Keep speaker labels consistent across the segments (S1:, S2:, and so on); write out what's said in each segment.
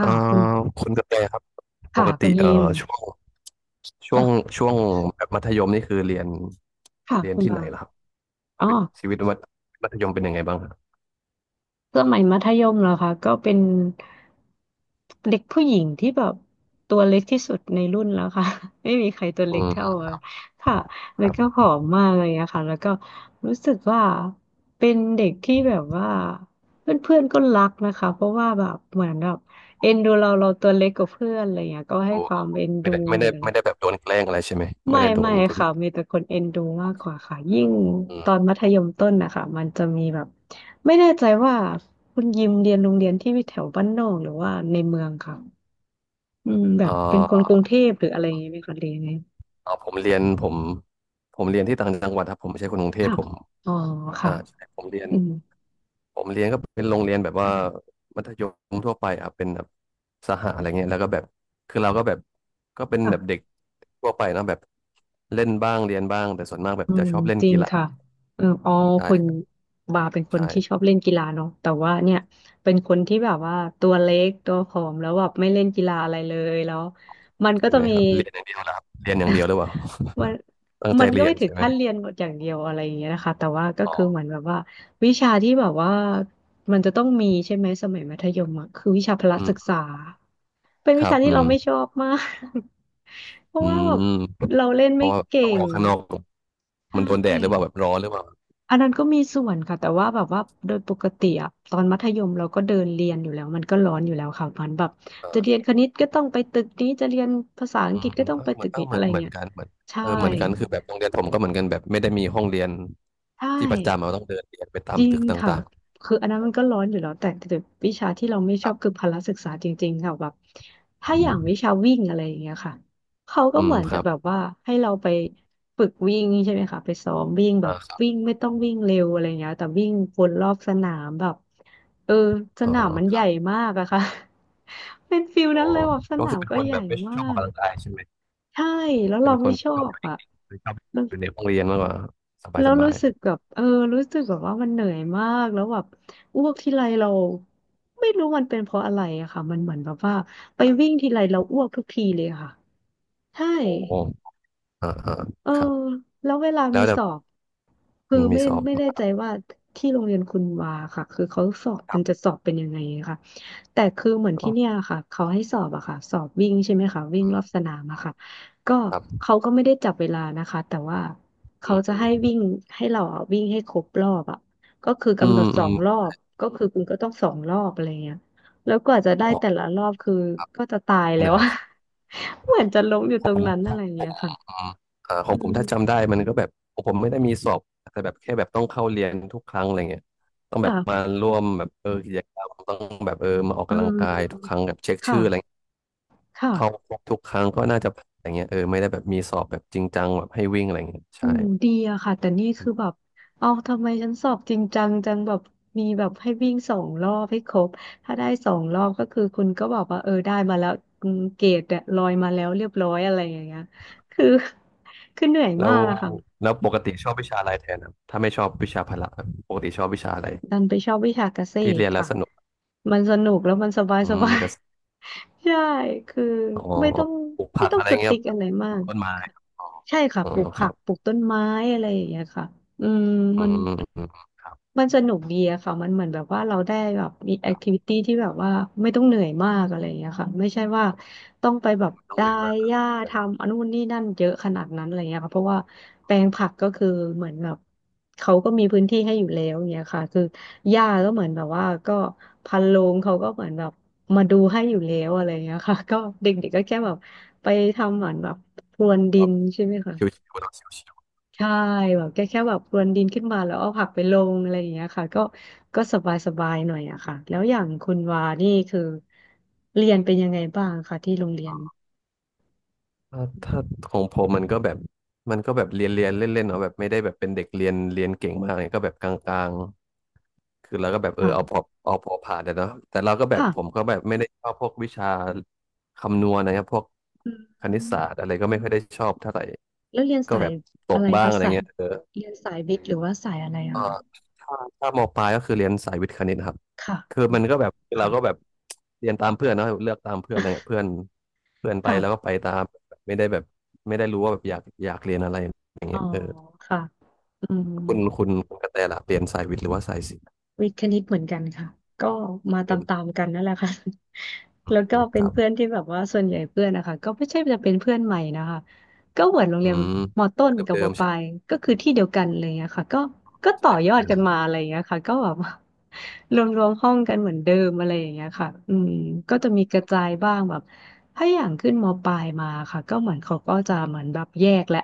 S1: เอ่
S2: ่ะคุณ
S1: อคุณกระแตครับป
S2: ค่ะ
S1: ก
S2: คุณ
S1: ติ
S2: ฮิม
S1: ช่วงช่
S2: เออ
S1: วงช่วงแบบมัธยมนี่คือ
S2: ค่ะ
S1: เรียน
S2: คุณ
S1: ที่ไหน
S2: บา
S1: ล่ะครับ
S2: อ๋อ
S1: ชีวิตมัธยมเป็นยังไงบ้างครับ
S2: สมัยมัธยมเหรอคะก็เป็นเด็กผู้หญิงที่แบบตัวเล็กที่สุดในรุ่นแล้วค่ะ ไม่มีใครตัว
S1: อื
S2: เล็กเท่า
S1: ม
S2: อะค่ะแล้
S1: ค
S2: ว
S1: รับ
S2: ก็ผอมมากเลยอะค่ะแล้วก็รู้สึกว่าเป็นเด็กที่แบบว่าเพื่อนๆก็รักนะคะเพราะว่าแบบเหมือนแบบเอ็นดูเราเราตัวเล็กกว่าเพื่อนอะไรอย่างเงี้ยก็ให้
S1: ดู
S2: ความเอ็นดูหรืออะไร
S1: ไม่ได้แบบโดนแกล้งอะไรใช่ไหมไม่
S2: ไม่
S1: ได้โด
S2: ไม่
S1: นบุล
S2: ค่ะมีแต่คนเอ็นดูมากกว่าค่ะยิ่ง
S1: อื
S2: ตอน
S1: ม
S2: มัธยมต้นนะคะมันจะมีแบบไม่แน่ใจว่าคุณยิมเรียนโรงเรียนที่แถวบ้านนอกหรือว่าในเมืองค่ะอืมแบ
S1: เอ่
S2: บเป็นคนก
S1: อ
S2: รุงเทพหรืออะไรอย่างนี้ไหมคะเรียนไง
S1: ผมเรียนผมเรียนที่ต่างจังหวัดครับผมไม่ใช่คนกรุงเทพ
S2: ค่ะ
S1: ผม
S2: อ๋อค่ะ
S1: อ่าใช่ผมเรียน
S2: อืม
S1: ผมเรียนก็เป็นโรงเรียนแบบว่ายมทั่วไปอ่ะเป็นแบบสหอะไรเงี้ยแล้วก็แบบคือเราก็แบบก็เป็น
S2: ค่ะ
S1: แบบเด็กทั่วไปเนอะแบบเล่นบ้างเรียนบ้างแต่ส่วนมากแบบ
S2: อื
S1: จะ
S2: ม
S1: ชอบเล่น
S2: จริง
S1: กีฬา
S2: ค่ะเอออ๋อคุณ
S1: ใช่
S2: บาเป็นคนที่ช
S1: ใช่
S2: อบเล่นกีฬาเนาะแต่ว่าเนี่ยเป็นคนที่แบบว่าตัวเล็กตัวผอมแล้วแบบไม่เล่นกีฬาอะไรเลยแล้วมันก็
S1: ใช่
S2: จะ
S1: ไหม
S2: มี
S1: ครับเรียนอย่างเดียวเหรอครับเรียนอย่างเดียว หรือเปล่า
S2: มัน
S1: ตั้งใจ
S2: มันก็
S1: เรีย
S2: ไม่
S1: น
S2: ถึง
S1: ใช่ไหม
S2: ขั้นเรียนหมดอย่างเดียวอะไรอย่างเงี้ยนะคะแต่ว่าก็
S1: อ๋อ
S2: คือเหมือนแบบว่าวิชาที่แบบว่ามันจะต้องมีใช่ไหมสมัยมัธยมอะคือวิชาพละ
S1: อื
S2: ศึ
S1: ม
S2: กษาเป็น
S1: ค
S2: วิ
S1: รั
S2: ชา
S1: บ
S2: ที่
S1: อื
S2: เรา
S1: ม
S2: ไม่ชอบมาก เพราะ
S1: อื
S2: ว่าแบบ
S1: ม
S2: เราเล่น
S1: เพ
S2: ไม่
S1: ราะว่า
S2: เก่
S1: ต้องอ
S2: ง
S1: อกข้างนอก
S2: ใช
S1: มันโดนแดดหรือเปล่า
S2: ่
S1: แบบร้อนหรือเปล่า
S2: อันนั้นก็มีส่วนค่ะแต่ว่าแบบว่าโดยปกติอะตอนมัธยมเราก็เดินเรียนอยู่แล้วมันก็ร้อนอยู่แล้วค่ะมันแบบ
S1: เอ
S2: จะเรียน
S1: อ
S2: คณิตก็ต้องไปตึกนี้ จะเรียนภาษาอัง
S1: อื
S2: กฤ
S1: ม
S2: ษก็
S1: อืม
S2: ต้อ
S1: เอ
S2: ง
S1: อ
S2: ไป
S1: เหมื
S2: ตึ
S1: อน
S2: ก
S1: เออ
S2: นี้
S1: เหมื
S2: อะ
S1: อ
S2: ไร
S1: นเหมือน
S2: เงี้ย
S1: กันเหมือน
S2: ใช่
S1: เออเหมือนกันคือแบบโรงเรียนผมก็เหมือนกันแบบไม่ได้มีห้องเรียน
S2: ใช่
S1: ที่ประจำเราต้องเดินเรียนไปตา
S2: จ
S1: ม
S2: ริ
S1: ตึ
S2: ง
S1: ก
S2: ค่ะ
S1: ต่างๆ
S2: คืออันนั้นมันก็ร้อนอยู่แล้วแต่วิชาที่เราไม่
S1: ค
S2: ชอ
S1: รั
S2: บคือ
S1: บ
S2: พละศึกษาจริงๆค่ะแบบ
S1: อื
S2: ถ้าอ
S1: ม
S2: ย่างวิชาวิ่งอะไรอย่างเงี้ยค่ะเขาก็
S1: อื
S2: เห
S1: ม
S2: มือน
S1: ค
S2: จะ
S1: รับ
S2: แบบว่าให้เราไปฝึกวิ่งใช่ไหมคะไปซ้อมวิ่งแบ
S1: อ่า
S2: บ
S1: ครับ
S2: วิ่งไม่ต้องวิ่งเร็วอะไรเงี้ยแต่วิ่งวนรอบสนามแบบเออส
S1: อ๋อ
S2: นามมัน
S1: ค
S2: ให
S1: รั
S2: ญ่
S1: บ
S2: มากอะค่ะ เป็นฟิล
S1: อ๋อ
S2: นั้นเลยแบบส
S1: ก็
S2: นา
S1: คือ
S2: ม
S1: เป็น
S2: ก็
S1: คน
S2: ให
S1: แบ
S2: ญ่
S1: บไม่
S2: มา
S1: ชอบออก
S2: ก
S1: กำลังกายใช่ไหม
S2: ใช่แล้ว
S1: เป็
S2: เรา
S1: นค
S2: ไม่
S1: น
S2: ชอ
S1: ชอบอ
S2: บ
S1: ยู่นิ่
S2: อะ
S1: งๆหรือชอบอยู่ในห้องเรียนมากกว่า
S2: แล้
S1: ส
S2: ว
S1: บา
S2: รู้
S1: ย
S2: สึกแบบเออรู้สึกแบบว่ามันเหนื่อยมากแล้วแบบอ้วกทีไรเราไม่รู้มันเป็นเพราะอะไรอะค่ะมันเหมือนแบบว่าไปวิ่งทีไรเราอ้วกทุกทีเลยอะค่ะใช่
S1: ๆโอ้โหอ่าอ่า
S2: เออ
S1: ครับ
S2: แล้วเวลา
S1: แล้
S2: มี
S1: วแต่
S2: สอบคือ
S1: มี
S2: ไม่
S1: สอบ
S2: ไม่แน่ใจว่าที่โรงเรียนคุณวาค่ะคือเขาสอบ
S1: ค
S2: มั
S1: รั
S2: นจะ
S1: บ
S2: สอบเป็นยังไงค่ะ แต่คือเหมือนที่เนี่ยค่ะเขาให้สอบอะค่ะสอบวิ่งใช่ไหมคะวิ่งรอบสนามอะค่ะก็
S1: ครับ
S2: เขาก็ไม่ได้จับเวลานะคะแต่ว่า
S1: อื
S2: เขา
S1: ม
S2: จะ
S1: อืม
S2: ให้วิ่งให้เราอะวิ่งให้ครบรอบอะก็คือ
S1: อื
S2: กำหน
S1: ม
S2: ดส
S1: อื
S2: อ
S1: ม
S2: งรอบก็คือคุณก็ต้องสองรอบอะไรเงี้ยแล้วกว่าจะได้
S1: อ๋
S2: แต่
S1: อ
S2: ละรอบคือก็จะตายแล้
S1: เห
S2: ว
S1: นื่อย
S2: อะ เหมือนจะล้มอยู่ตรง
S1: ผ
S2: นั้น
S1: ม
S2: อะไรเงี้ยค่ะ
S1: ผมเอ่าขอ
S2: อื
S1: งผม
S2: ม
S1: ถ้าจำได้มันก็แบบผมไม่ได้มีสอบแต่แบบแค่แบบต้องเข้าเรียนทุกครั้งอะไรเงี้ยต้องแบบมา
S2: ค่ะ
S1: ร่วมแบบเออกิจกรรมต้องแบบเออมาออก
S2: เอ
S1: กำลังกาย
S2: อ
S1: ทุกครั้งแบบเช็คชื่
S2: ค่ะ
S1: ออะไรเงี้ย
S2: ค่ะ
S1: เข้าครบทุกครั้งก็น่าจะอะไรเงี้ยเออไม่ได้แบบมีสอบแบบจริงจังแบบให้วิ่งอะไรเงี้ย
S2: โอ้
S1: ใช่
S2: ดีอะค่ะแต่นี่คือแบบเอาทำไมฉันสอบจริงจังจังแบบมีแบบให้วิ่งสองรอบให้ครบถ้าได้สองรอบก็คือคุณก็บอกว่าเออได้มาแล้วอืมเกรดเนี่ยลอยมาแล้วเรียบร้อยอะไรอย่างเงี้ยคือ คือเหนื่อย
S1: แล้
S2: มา
S1: ว
S2: กอะค่ะ
S1: แล้วปกติชอบวิชาอะไรแทนครับถ้าไม่ชอบวิชาพละครับปกติชอบวิชาอะไร
S2: ดันไปชอบวิชาเกษ
S1: ที่
S2: ต
S1: เรี
S2: ร
S1: ยนแล้ว
S2: ค่ะ
S1: สนุก
S2: มันสนุกแล้วมันสบาย
S1: อื
S2: ส
S1: ม
S2: บาย
S1: ก็
S2: ใช่คือ
S1: อ๋อ
S2: ไม่ต้อง
S1: ปลูกผักอะไร
S2: ส
S1: เงี้ยค
S2: ติ๊
S1: รั
S2: ก
S1: บ
S2: อะไรมา
S1: ปลู
S2: ก
S1: กต้นไม้
S2: ใช่ค่ะ
S1: อ๋อ
S2: ปลูก
S1: ค
S2: ผั
S1: รั
S2: ก
S1: บ
S2: ปลูกต้นไม้อะไรอย่างเงี้ยค่ะอืม
S1: อื
S2: มัน
S1: มอืมครับ
S2: สนุกดีอะค่ะมันเหมือนแบบว่าเราได้แบบมีแอคทิวิตี้ที่แบบว่าไม่ต้องเหนื่อยมากอะไรอย่างเงี้ยค่ะไม่ใช่ว่าต้องไปแบบ
S1: ไม่ต้องเห
S2: ได้
S1: นื่อยมากคร
S2: หญ้าทำอันนู่นนี่นั่นเยอะขนาดนั้นอะไรเงี้ยค่ะเพราะว่าแปลงผักก็คือเหมือนแบบเขาก็มีพื้นที่ให้อยู่แล้วอย่างเงี้ยค่ะคือหญ้าก็เหมือนแบบว่าก็พันโรงเขาก็เหมือนแบบมาดูให้อยู่แล้วอะไรเงี้ยค่ะก็เด็กๆก็แค่แบบไปทำเหมือนแบบพรวนดิ
S1: ั
S2: น
S1: บ
S2: ใช่ไหมคะ
S1: ชิวๆเนาะชิว
S2: ใช่แบบแค่แบบพรวนดินขึ้นมาแล้วเอาผักไปลงอะไรอย่างเงี้ยค่ะก็ก็สบายสบายหน่อยอะค่ะแล้วอย่างคุณวานี่คือเรียนเป็นยังไงบ้างคะที่โรงเรียน
S1: ๆถ้าของผมมันก็แบบมันก็แบบเรียนเล่นเล่นเนาะแบบไม่ได้แบบเป็นเด็กเรียนเก่งมากเนี่ยก็แบบกลางๆคือเราก็แบบเออ
S2: ค่ะ
S1: เอาพอผ่านแต่เนาะแต่เราก็แบบผม
S2: ค่ะ
S1: ก็แบบไม่ได้ชอบพวกวิชาคำนวณนะครับพวก
S2: อื
S1: คณิต
S2: ม
S1: ศาสตร์อะไรก็ไม่ค่อยได้ชอบเท่าไหร่
S2: แล้วเรียน
S1: ก็
S2: สา
S1: แบ
S2: ย
S1: บต
S2: อะ
S1: ก
S2: ไร
S1: บ้าง
S2: คะ
S1: อะไร
S2: สาย
S1: เงี้ยเออ
S2: เรียนสายวิทย์หรือว่าสายอะไร
S1: เอ่
S2: อะ
S1: อ
S2: คะ
S1: ถ้ามปลายก็คือเรียนสายวิทย์คณิตครับ
S2: ค่ะ
S1: คือ
S2: อื
S1: มั
S2: ม
S1: นก็แบบเรา
S2: ค่ะ
S1: ก็แบบเรียนตามเพื่อนเนอะเลือกตามเพื่อนอะไรเงี้ยเพื่อนเพื่อนไปแล้วก็
S2: ค่ะ
S1: ไปตามไม่ได้แบบไม่ได้รู้ว่าแบบอยากเรียนอะไรอย่าง
S2: อ๋อ
S1: เงี้ยเออ
S2: ค่ะอืม
S1: คุณกระแตล่ะเรียนสายวิทย์หรือว่าสายศิลป์
S2: วิทย์คณิตเหมือนกันค่ะก็มาต
S1: เป็น
S2: ามๆกันนั่นแหละค่ะ แล้วก็เป็
S1: ค
S2: น
S1: รั
S2: เพื่อน
S1: บ
S2: ที่แบบว่าส่วนใหญ่เพื่อนนะคะก็ไม่ใช่จะเป็นเพื่อนใหม่นะคะ ก็เหมือนโรง
S1: อื
S2: เรียน
S1: ม
S2: มอต้นกับ
S1: เดิ
S2: มอ
S1: มๆ
S2: ปลาย
S1: ใช่
S2: ก็คือที่เดียวกันอะไรอย่างเงี้ยค่ะก็ต่อ
S1: ใช่เห
S2: ย
S1: มือ
S2: อ
S1: น
S2: ด
S1: กัน
S2: กันมาอะไรอย่างเงี้ยค่ะก็แบบ รวมห้องกันเหมือนเดิมอะไรอย่างเงี้ยค่ะอืมก็จะมีกระจายบ้างแบบถ้าอย่างขึ้นมอปลายมาค่ะก็เหมือนเขาก็จะเหมือนแบบแยกแหละ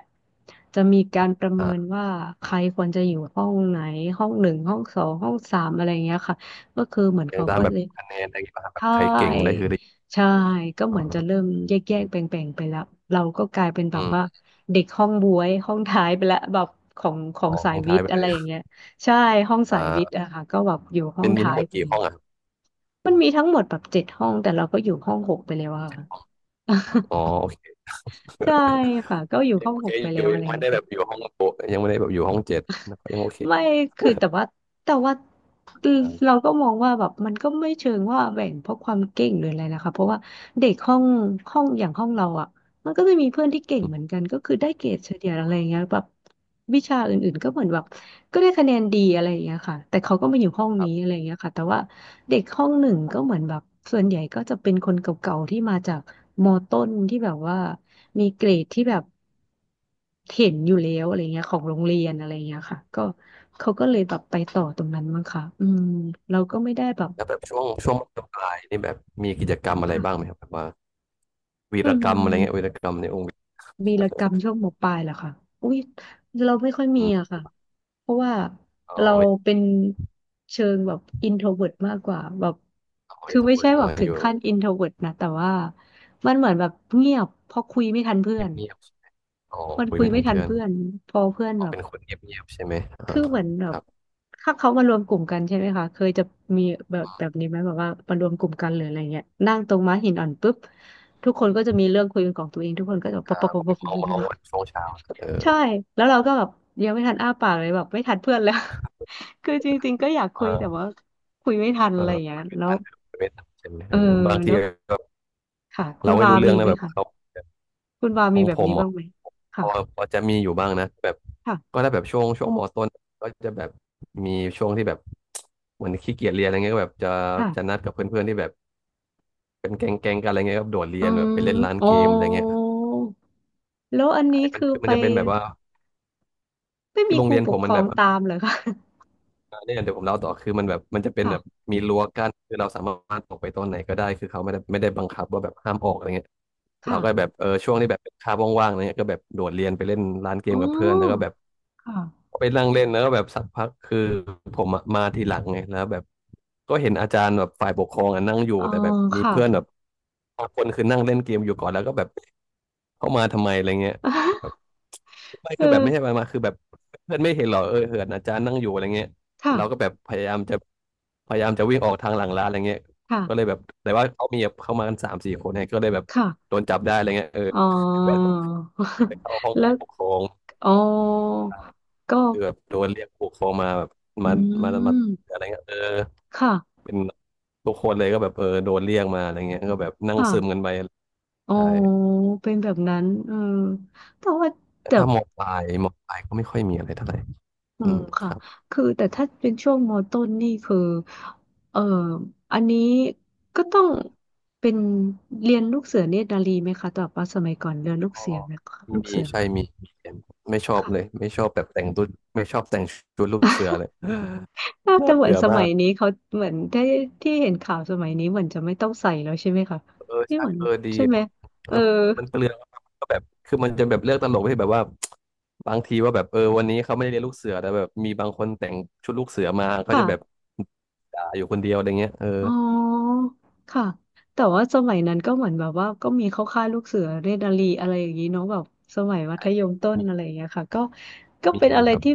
S2: จะมีการประเมิน
S1: อ่า
S2: ว่าใครควรจะอยู่ห้องไหนห้องหนึ่งห้องสองห้องสามอะไรอย่างเงี้ยค่ะก็คือเหมือน
S1: อย่าง
S2: เขา
S1: ตาม
S2: ก็
S1: แบบ
S2: จะย
S1: คะแนนอะไรอย่างเงี้ยป่ะครับแบบ
S2: ใช่
S1: ใครเก่งได้คือได้
S2: ใช่
S1: ได้ใช่ไหม
S2: ก็เห
S1: อ๋อ
S2: มือนจะเริ่มแยกแบ่งไปแล้วเราก็กลายเป็นแบ
S1: อื
S2: บว่า
S1: ม
S2: เด็กห้องบ๊วยห้องท้ายไปแล้วแบบของ
S1: อ๋อ
S2: สา
S1: ห้
S2: ย
S1: อง
S2: วิ
S1: ท้าย
S2: ท
S1: ไป
S2: ย์
S1: เล
S2: อะไร
S1: ย
S2: อย่างเงี้ยใช่ห้องสายวิทย์
S1: อ่า
S2: อะค่ะก็แบบอยู่ห้อ
S1: เป็
S2: ง
S1: นมี
S2: ท้า
S1: ทั้ง
S2: ย
S1: หมด
S2: ไป
S1: กี่
S2: แล้
S1: ห้
S2: ว
S1: องอ่ะ
S2: มันมีทั้งหมดแบบเจ็ดห้องแต่เราก็อยู่ห้องหกไปแล้วอะ ค่ะ
S1: อ๋อ โอเค
S2: ใช่ค่ะก็อยู่
S1: ยั
S2: ห้
S1: ง
S2: อง
S1: โอ
S2: ห
S1: เค
S2: กไป
S1: อ
S2: แล้
S1: ยู่
S2: วอะ
S1: ยั
S2: ไร
S1: งไม่
S2: เงี้ย
S1: ได้แบบอ
S2: ค่ะ
S1: ยู่ห้องโปะยังไม่ได้แบบอยู่ห้องเจ็ดนะครับยังโอเค
S2: ไม่คือแต่ว่า
S1: อยู่
S2: เราก็มองว่าแบบมันก็ไม่เชิงว่าแบ่งเพราะความเก่งหรืออะไรนะคะเพราะว่าเด็กห้องอย่างห้องเราอ่ะ มันก็จะมีเพื่อนที่เก่ง
S1: อื
S2: เห
S1: ม
S2: มือนกันก็คือได้เกรดเฉลี่ยอะไรอย่างเงี้ยแบบวิชาอื่นๆก็เหมือนแบบก็ได้คะแนนดีอะไรอย่างเงี้ยค่ะแต่เขาก็มาอยู่ห้อง
S1: ครั
S2: นี้อะ
S1: บ
S2: ไรอย่างเงี้ยค่ะแต่ว่าเด็กห้องหนึ่งก็เหมือนแบบส่วนใหญ่ก็จะเป็นคนเก่าๆที่มาจากมอต้นที่แบบว่ามีเกรดที่แบบเห็นอยู่แล้วอะไรเงี้ยของโรงเรียนอะไรเงี้ยค่ะก็เขาก็เลยแบบไปต่อตรงนั้นมั้งค่ะอืมเราก็ไม่ได้แบบ
S1: แล้วแบบช่วงมปลายนี่แบบมีกิจกรรมอะไรบ้างไหม
S2: ค่ะ
S1: ครับแบบว่าวี
S2: อื
S1: รกรรมอะไรเงี้ยวี
S2: ม
S1: รกรรมในองค์
S2: วีรกรรมช่วงมปลายเหรอคะอุ้ยเราไม่ค่อยมี
S1: อืม
S2: อะค่ะเพราะว่า
S1: อ๋อ
S2: เรา
S1: ไม่
S2: เป็นเชิงแบบอินโทรเวิร์ตมากกว่าแบบ
S1: อ๋อ
S2: คื
S1: อิ
S2: อ
S1: นโทร
S2: ไม่
S1: เวิ
S2: ใช่
S1: ร์ต
S2: แบ
S1: อ๋อ
S2: บถึ
S1: อ
S2: ง
S1: ยู่
S2: ขั้นอินโทรเวิร์ตนะแต่ว่ามันเหมือนแบบเงียบเพอคุยไม่ทันเพื่อ
S1: เงียบ
S2: น
S1: เงียบอ๋อ
S2: มัน
S1: คุย
S2: คุย
S1: ไม่
S2: ไม่
S1: ทัน
S2: ทัน
S1: เพื่อน
S2: เพื่อนพอเพื่อน
S1: อ๋อ
S2: แบบ
S1: เป็นคนเงียบเงียบใช่ไหมอ่า
S2: คือเหมือนแบ
S1: ค
S2: บ
S1: รับ
S2: ถ้าเขามารวมกลุ่มกันใช่ไหมคะเคยจะมีแบบนี้ไหมแบบว่ามารวมกลุ่มกันหรืออะไรเงี้ยนั่งตรงม้าหินอ่อนปุ๊บทุกคนก็จะมีเรื่องคุยเป็นของตัวเองทุกคนก็จะปบปะ
S1: อ่า
S2: ปะ
S1: ก็
S2: ป
S1: ไป
S2: บ
S1: เมาเมาวันช่วงเช้าเออ
S2: ใช่แล้วเราก็แบบยังไม่ทันอ้าปากเลยแบบไม่ทันเพื่อนแล้ว คือจริงๆก็อยากคุยแต่
S1: เออ
S2: ว่าคุยไม่ทัน
S1: เอ
S2: อะ
S1: อ
S2: ไรอย่างเงี้ย
S1: คุยไม่
S2: แล้ว
S1: ทันคุยไม่ทันใช่ไหม
S2: เอ
S1: เอ
S2: อ
S1: อบางที
S2: แล้ว
S1: ก็
S2: ค่ะคุ
S1: เรา
S2: ณ
S1: ไม่
S2: วา
S1: รู้เรื่
S2: มี
S1: อง
S2: ไห
S1: นะ
S2: ม
S1: แบบ
S2: คะ
S1: เขา
S2: คุณวา
S1: ข
S2: มี
S1: อง
S2: แบ
S1: ผ
S2: บ
S1: ม
S2: นี้บ้า
S1: อ่ะ
S2: งไหม
S1: พ
S2: ค่ะ
S1: อพอจะมีอยู่บ้างนะแบบก็
S2: ค่ะ
S1: ถ้าแบบช่วงมต้นก็จะแบบมีช่วงที่แบบ เหมือนขี้เกียจเรียนอะไรเงี้ยก็แบบจะ
S2: ค่ะ
S1: นัดกับเพื่อนๆที่แบบเป็นแก๊งกันอะไรเงี้ยก็โดดเรี
S2: อื
S1: ยนแบบ
S2: ม
S1: ไปเล่นร้าน
S2: โอ้
S1: เกมอะไรเงี้ย
S2: แล้วอันนี้
S1: ไอ้มัน
S2: คือ
S1: คือมั
S2: ไป
S1: นจะเป็นแบบว่า
S2: ไม่
S1: คือ
S2: มี
S1: โร
S2: ค
S1: ง
S2: รู
S1: เรียน
S2: ป
S1: ผ
S2: ก
S1: ม
S2: ค
S1: มั
S2: ร
S1: น
S2: อ
S1: แบ
S2: ง
S1: บ
S2: ตามเหรอคะ
S1: เนี่ยเดี๋ยวผมเล่าต่อคือมันแบบมันจะเป็นแบบ
S2: ค่ะ
S1: มีรั้วกั้นคือเราสามารถออกไปตอนไหนก็ได้คือเขาไม่ได้บังคับว่าแบบห้ามออกอะไรเงี้ยเรา
S2: ค่ะ
S1: ก็แบบเออช่วงที่แบบเป็นคาบว่างๆอะไรเงี้ยก็แบบโดดเรียนไปเล่นร้านเก
S2: อ๋
S1: ม
S2: อ
S1: กับเพื่อนแล้วก็แบบ
S2: ค่ะ
S1: ไปนั่งเล่นแล้วก็แบบสักพักคือผมอะมาทีหลังไงแล้วแบบก็เห็นอาจารย์แบบฝ่ายปกครองอะนั่งอยู่
S2: อ๋อ
S1: แต่แบบมี
S2: ค่ะ
S1: เพื่อนแบบบางคนคือนั่งเล่นเกมอยู่ก่อนแล้วก็แบบเข้ามาทำไมอะไรเงี้ยแบบ ไม่
S2: เอ
S1: คือแบบ
S2: อ
S1: ไม่ใช่มาคือแบบเพื่อนไม่เห็นหรอเออเหินอาจารย์นั่งอยู่อะไรเงี้ย
S2: ค่ะ
S1: เราก็แบบพยายามจะพยายามจะวิ่งออกทางหลังร้านอะไรเงี้ยก็เลย
S2: ค่ะ
S1: แบบแต่ว่าเขามีแบบเข้ามากันสามสี่คนเนี่ยก็เลยแบบ
S2: ค่ะ
S1: โดนจับได้อะไรเงี้ยเออ
S2: อ๋อ
S1: ไปเข้าห้อง
S2: แล้
S1: ฝ่า
S2: ว
S1: ยปกครอง
S2: อ๋อก็
S1: ก็คือแบบโดนเรียกผู้ปกครองมาแบบ
S2: อื
S1: มามา
S2: ม
S1: อะไรเงี้ยเออ
S2: ค่ะ
S1: เป็นทุกคนเลยก็แบบเออโดนเรียกมาอะไรเงี้ยก็แบบนั่งซึมกั
S2: ค่ะ
S1: นไป
S2: อ๋อ
S1: ใช่
S2: เป็นแบบนั้นเออแต่ว่า
S1: แต่
S2: แต่
S1: ถ้ามอปลายมอปลายก็ไม่ค่อยมีอะไรเท่าไหร่
S2: อื
S1: อื
S2: ม
S1: มค
S2: ค่ะ
S1: รับ
S2: คือแต่ถ้าเป็นช่วงมอต้นนี่คือเอออันนี้ก็ต้องเป็นเรียนลูกเสือเนตรนารีไหมคะแต่ว่าสมัยก่อนเรียนลูก
S1: ก็
S2: เสือไหมคะ
S1: มี
S2: ลูก
S1: มี
S2: เสือ
S1: ใช่มีเห็นไม่ชอบเลย
S2: ค่ะ
S1: ไม่ชอบแบบแต่งตัวไม่ชอบแต่งชุดลูกเสือเลย
S2: น่า
S1: น่า
S2: จะเหมือน
S1: เบื่อ
S2: ส
S1: มา
S2: มัย
S1: ก
S2: นี้เขาเหมือนที่เห็นข่าวสมัยนี้เหมือนจะไม่ต้องใส่แล้วใช่ไหมคะ
S1: เออ
S2: ที่
S1: ใช่
S2: เหมือน
S1: เออดี
S2: ใช่ไหมเอ
S1: เออ
S2: อ
S1: มันเปลืองก็แบบคือมันจะแบบเลือกตลกที่แบบว่าบางทีว่าแบบเออวันนี้เขาไม่ได้เรียนลูกเสือแต่แบบมีบางคนแต่งชุดลูกเสือมาเขาจะแบบ
S2: ค่ะ
S1: ด่าอยู่คนเดียวอะไรเงี้ยเออ
S2: อ๋อค่ะแต่ว่าสมัยนั้นก็เหมือนแบบว่าก็มีเข้าค่ายลูกเสือเรดาลีอะไรอย่างนี้เนาะแบบสมัยมัธ
S1: ไอ้
S2: ยมต้น
S1: มี
S2: อะไรอย่างเงี้ยค่ะก็
S1: มี
S2: เป็น
S1: มี
S2: อะไร
S1: ครับ
S2: ที่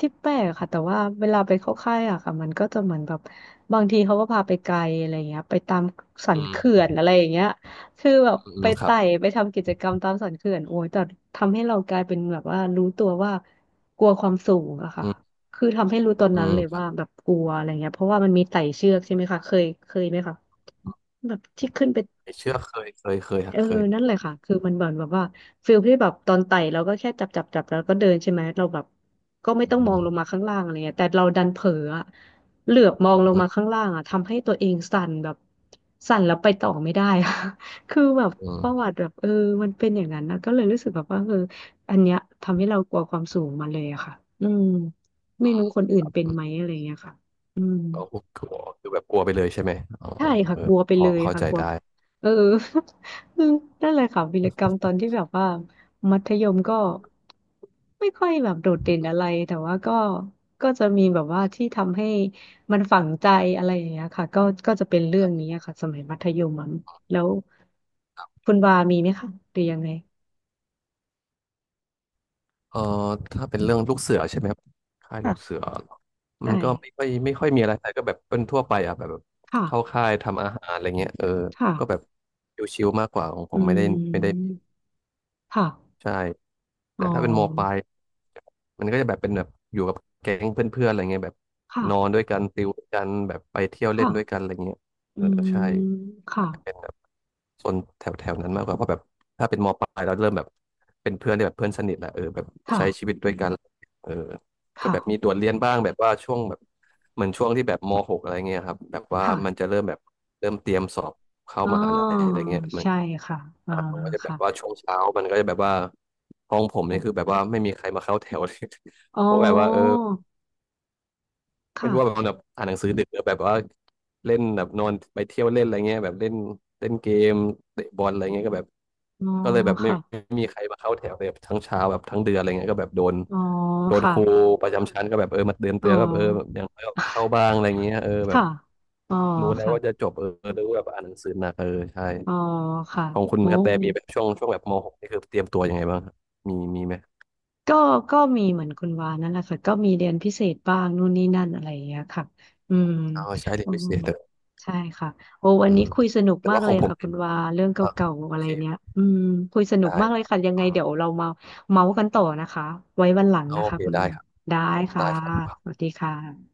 S2: ที่แปลกค่ะแต่ว่าเวลาไปเข้าค่ายอะค่ะมันก็จะเหมือนแบบบางทีเขาก็พาไปไกลอะไรอย่างเงี้ยไปตามสัน
S1: อืม
S2: เขื่อนอะไรอย่างเงี้ยคือแบบ
S1: อื
S2: ไป
S1: มครับ
S2: ไต่ไปทำกิจกรรมตามสันเขื่อนโอ้ยแต่ทำให้เรากลายเป็นแบบว่ารู้ตัวว่ากลัวความสูงอะค่ะ
S1: อืม
S2: คือทำให้รู้ตอน
S1: อื
S2: นั้นเลยว่า
S1: ม
S2: แบบกลัวอะไรเงี้ยเพราะว่ามันมีไต่เชือกใช่ไหมคะเคยไหมคะแบบที่ขึ้นไป
S1: ไม่เชื่อเคย
S2: เอ
S1: ฮะ
S2: อ
S1: เค
S2: นั่น
S1: ย
S2: แหละค่ะ คือมันเหมือนแบบว่าฟิลที่แบบตอนไต่เราก็แค่จับแล้วก็เดินใช่ไหม เราแบบก็ไม่
S1: อื
S2: ต้องมอ
S1: ม
S2: งลงมาข้างล่างอะไรเงี้ยแต่เราดันเผลออะเหลือบมองลง
S1: อื
S2: มาข้า
S1: ม
S2: งล่างอะทำให้ตัวเองสั่นแบบสั่นแล้วไปต่อไม่ได้อะ คือแบบ
S1: อื
S2: ประวั
S1: ม
S2: ติแบบเออมันเป็นอย่างนั้นนะก็เลยรู้สึกแบบว่าเอออันเนี้ยทำให้เรากลัวความสูงมาเลยอะค่ะอืมไม่รู้คนอื่นเป็น
S1: อื
S2: ไหม
S1: ม
S2: อะไรเงี้ยค่ะอืม
S1: เรากลัวคือแบบกลัวไปเลยใช่ไหมอ๋อ
S2: ใช่ค่ะ
S1: เอ
S2: ก
S1: อ
S2: ลัวไป
S1: พอ
S2: เลย
S1: เข้า
S2: ค่ะ
S1: ใจ
S2: กลัว
S1: ได้
S2: เออ นั่นเลยค่ะวีรกรรมตอนที่แบบว่ามัธยมก็ไม่ค่อยแบบโดดเด่นอะไรแต่ว่าก็จะมีแบบว่าที่ทำให้มันฝังใจอะไรอย่างเงี้ยค่ะก็จะเป็นเรื่องนี้อะค่ะสมัยมัธยมอะแล้วคุณวามีไหมคะหรือยังไง
S1: เอ่อถ้าเป็นเรื่องลูกเสือใช่ไหมครับค่ายลู
S2: ค่ะ
S1: กเสือมั
S2: ใช่
S1: นก็ไม่ค่อยมีอะไรแต่ก็แบบเป็นทั่วไปอ่ะแบบแบบเข้า
S2: ค่ะ
S1: ค่ายทำอาหารอะไรเงี้ยเออก็แบบ
S2: ค่ะ
S1: ชิวๆมากกว่าของผ
S2: อื
S1: มไม่ได้
S2: มค่ะ
S1: ใช่
S2: อ๋
S1: แต่ถ้าเป็นมปลา
S2: อ
S1: ยมันก็จะแบบเป็นแบบอยู่กับแก๊งเพื่อนๆอะไรเงี้ยแบบ
S2: ค่ะ
S1: นอนด้วยกันติวด้วยกันแบบไปเที่ยวเล่
S2: ค่ะ
S1: นด้วยกันอะไรเงี้ย
S2: อื
S1: เออ
S2: ม
S1: ใช่
S2: ค่ะ
S1: อาจจะเป็นแบบโซนแถวแถวนั้นมากกว่าเพราะแบบถ้าเป็นมปลายเราเริ่มแบบเป็นเพื่อนที่แบบเพื่อนสนิทแหละเออแบบ
S2: ค่ะ
S1: ใช้ชีวิตด้วยกันเออก็แบบมี
S2: ค่ะ
S1: โดดเรียนบ้างแบบว่าช่วงแบบเหมือนช่วงที่แบบมหกอะไรเงี้ยครับแบบว่ามัน
S2: ค่ะ
S1: จะเริ่มแบบเริ่มเตรียมสอบเข้า
S2: อ๋อ
S1: มหาลัยอะไรเงี้ย
S2: ใช่ค่ะอ่า
S1: ผมก็จะแบบ
S2: ค่ะ
S1: ว่าช่วงเช้ามันก็จะแบบว่าห้องผมเนี่ยคือแบบว่าไม่มีใครมาเข้าแถวเลย
S2: อ๋อ
S1: เพราะแบบว่าเออไม่รู้ว่าแบบ
S2: ค่ะ
S1: มันแบบอ่านหนังสือดึกหรือแบบว่าเล่นแบบนอนไปเที่ยวเล่นอะไรเงี้ยแบบเล่นเล่นเกมเตะบอลอะไรเงี้ยก็แบบ
S2: อ๋อ
S1: ก็เลยแบบไม่
S2: ค่ะ
S1: ไม่มีใครมาเข้าแถวเลยแบบทั้งเช้าแบบทั้งเดือนอะไรเงี้ยก็แบบโดน
S2: อ๋อ
S1: โดน
S2: ค่ะ
S1: ครูประจำชั้นก็แบบเออมาเตือน
S2: อ๋อ
S1: เตือนแบบเออแบบอย่างน้อยก็เข้าบ้างอะไรเงี้ยเออแบบ
S2: ค่ะอ๋อ
S1: รู้แล้ว
S2: ค่ะ
S1: ว่าจะจบเออรู้แบบอ่านหนังสือหนักเออใช่
S2: อ๋อค่ะ
S1: ของคุณ
S2: โอ้
S1: กระแตมีแบบช่วงช่วงแบบม .6 นี่คือเตรียมตัวยังไงบ้างครับมีไหม
S2: ก็ก็มีเหมือนคุณวานั่นแหละค่ะก็มีเรียนพิเศษบ้างนู่นนี่นั่นอะไรอย่างเงี้ยค่ะอืม
S1: อ๋อใช้เรีย
S2: อื
S1: นพิ
S2: ม
S1: เศษเถอ
S2: ใช่ค่ะโอ้วั
S1: อื
S2: นนี้
S1: ม
S2: คุยสนุก
S1: แต่
S2: มาก
S1: ว่าข
S2: เล
S1: อ
S2: ย
S1: งผม
S2: ค่ะคุณวาเรื่องเ
S1: อ่ะ
S2: ก่าๆ
S1: โอ
S2: อะไร
S1: เค
S2: เนี้ยอืมคุยสนุก
S1: ได้
S2: มากเล
S1: ค
S2: ย
S1: รับ
S2: ค่ะยังไง
S1: อืม
S2: เดี๋ยวเรามาเมาส์กันต่อนะคะไว้วันหลัง
S1: โอ
S2: นะคะ
S1: เค
S2: คุณ
S1: ได้
S2: วา
S1: ครับ
S2: ได้ค่ะ
S1: ได้ครั
S2: ส
S1: บ
S2: วัสดีค่ะ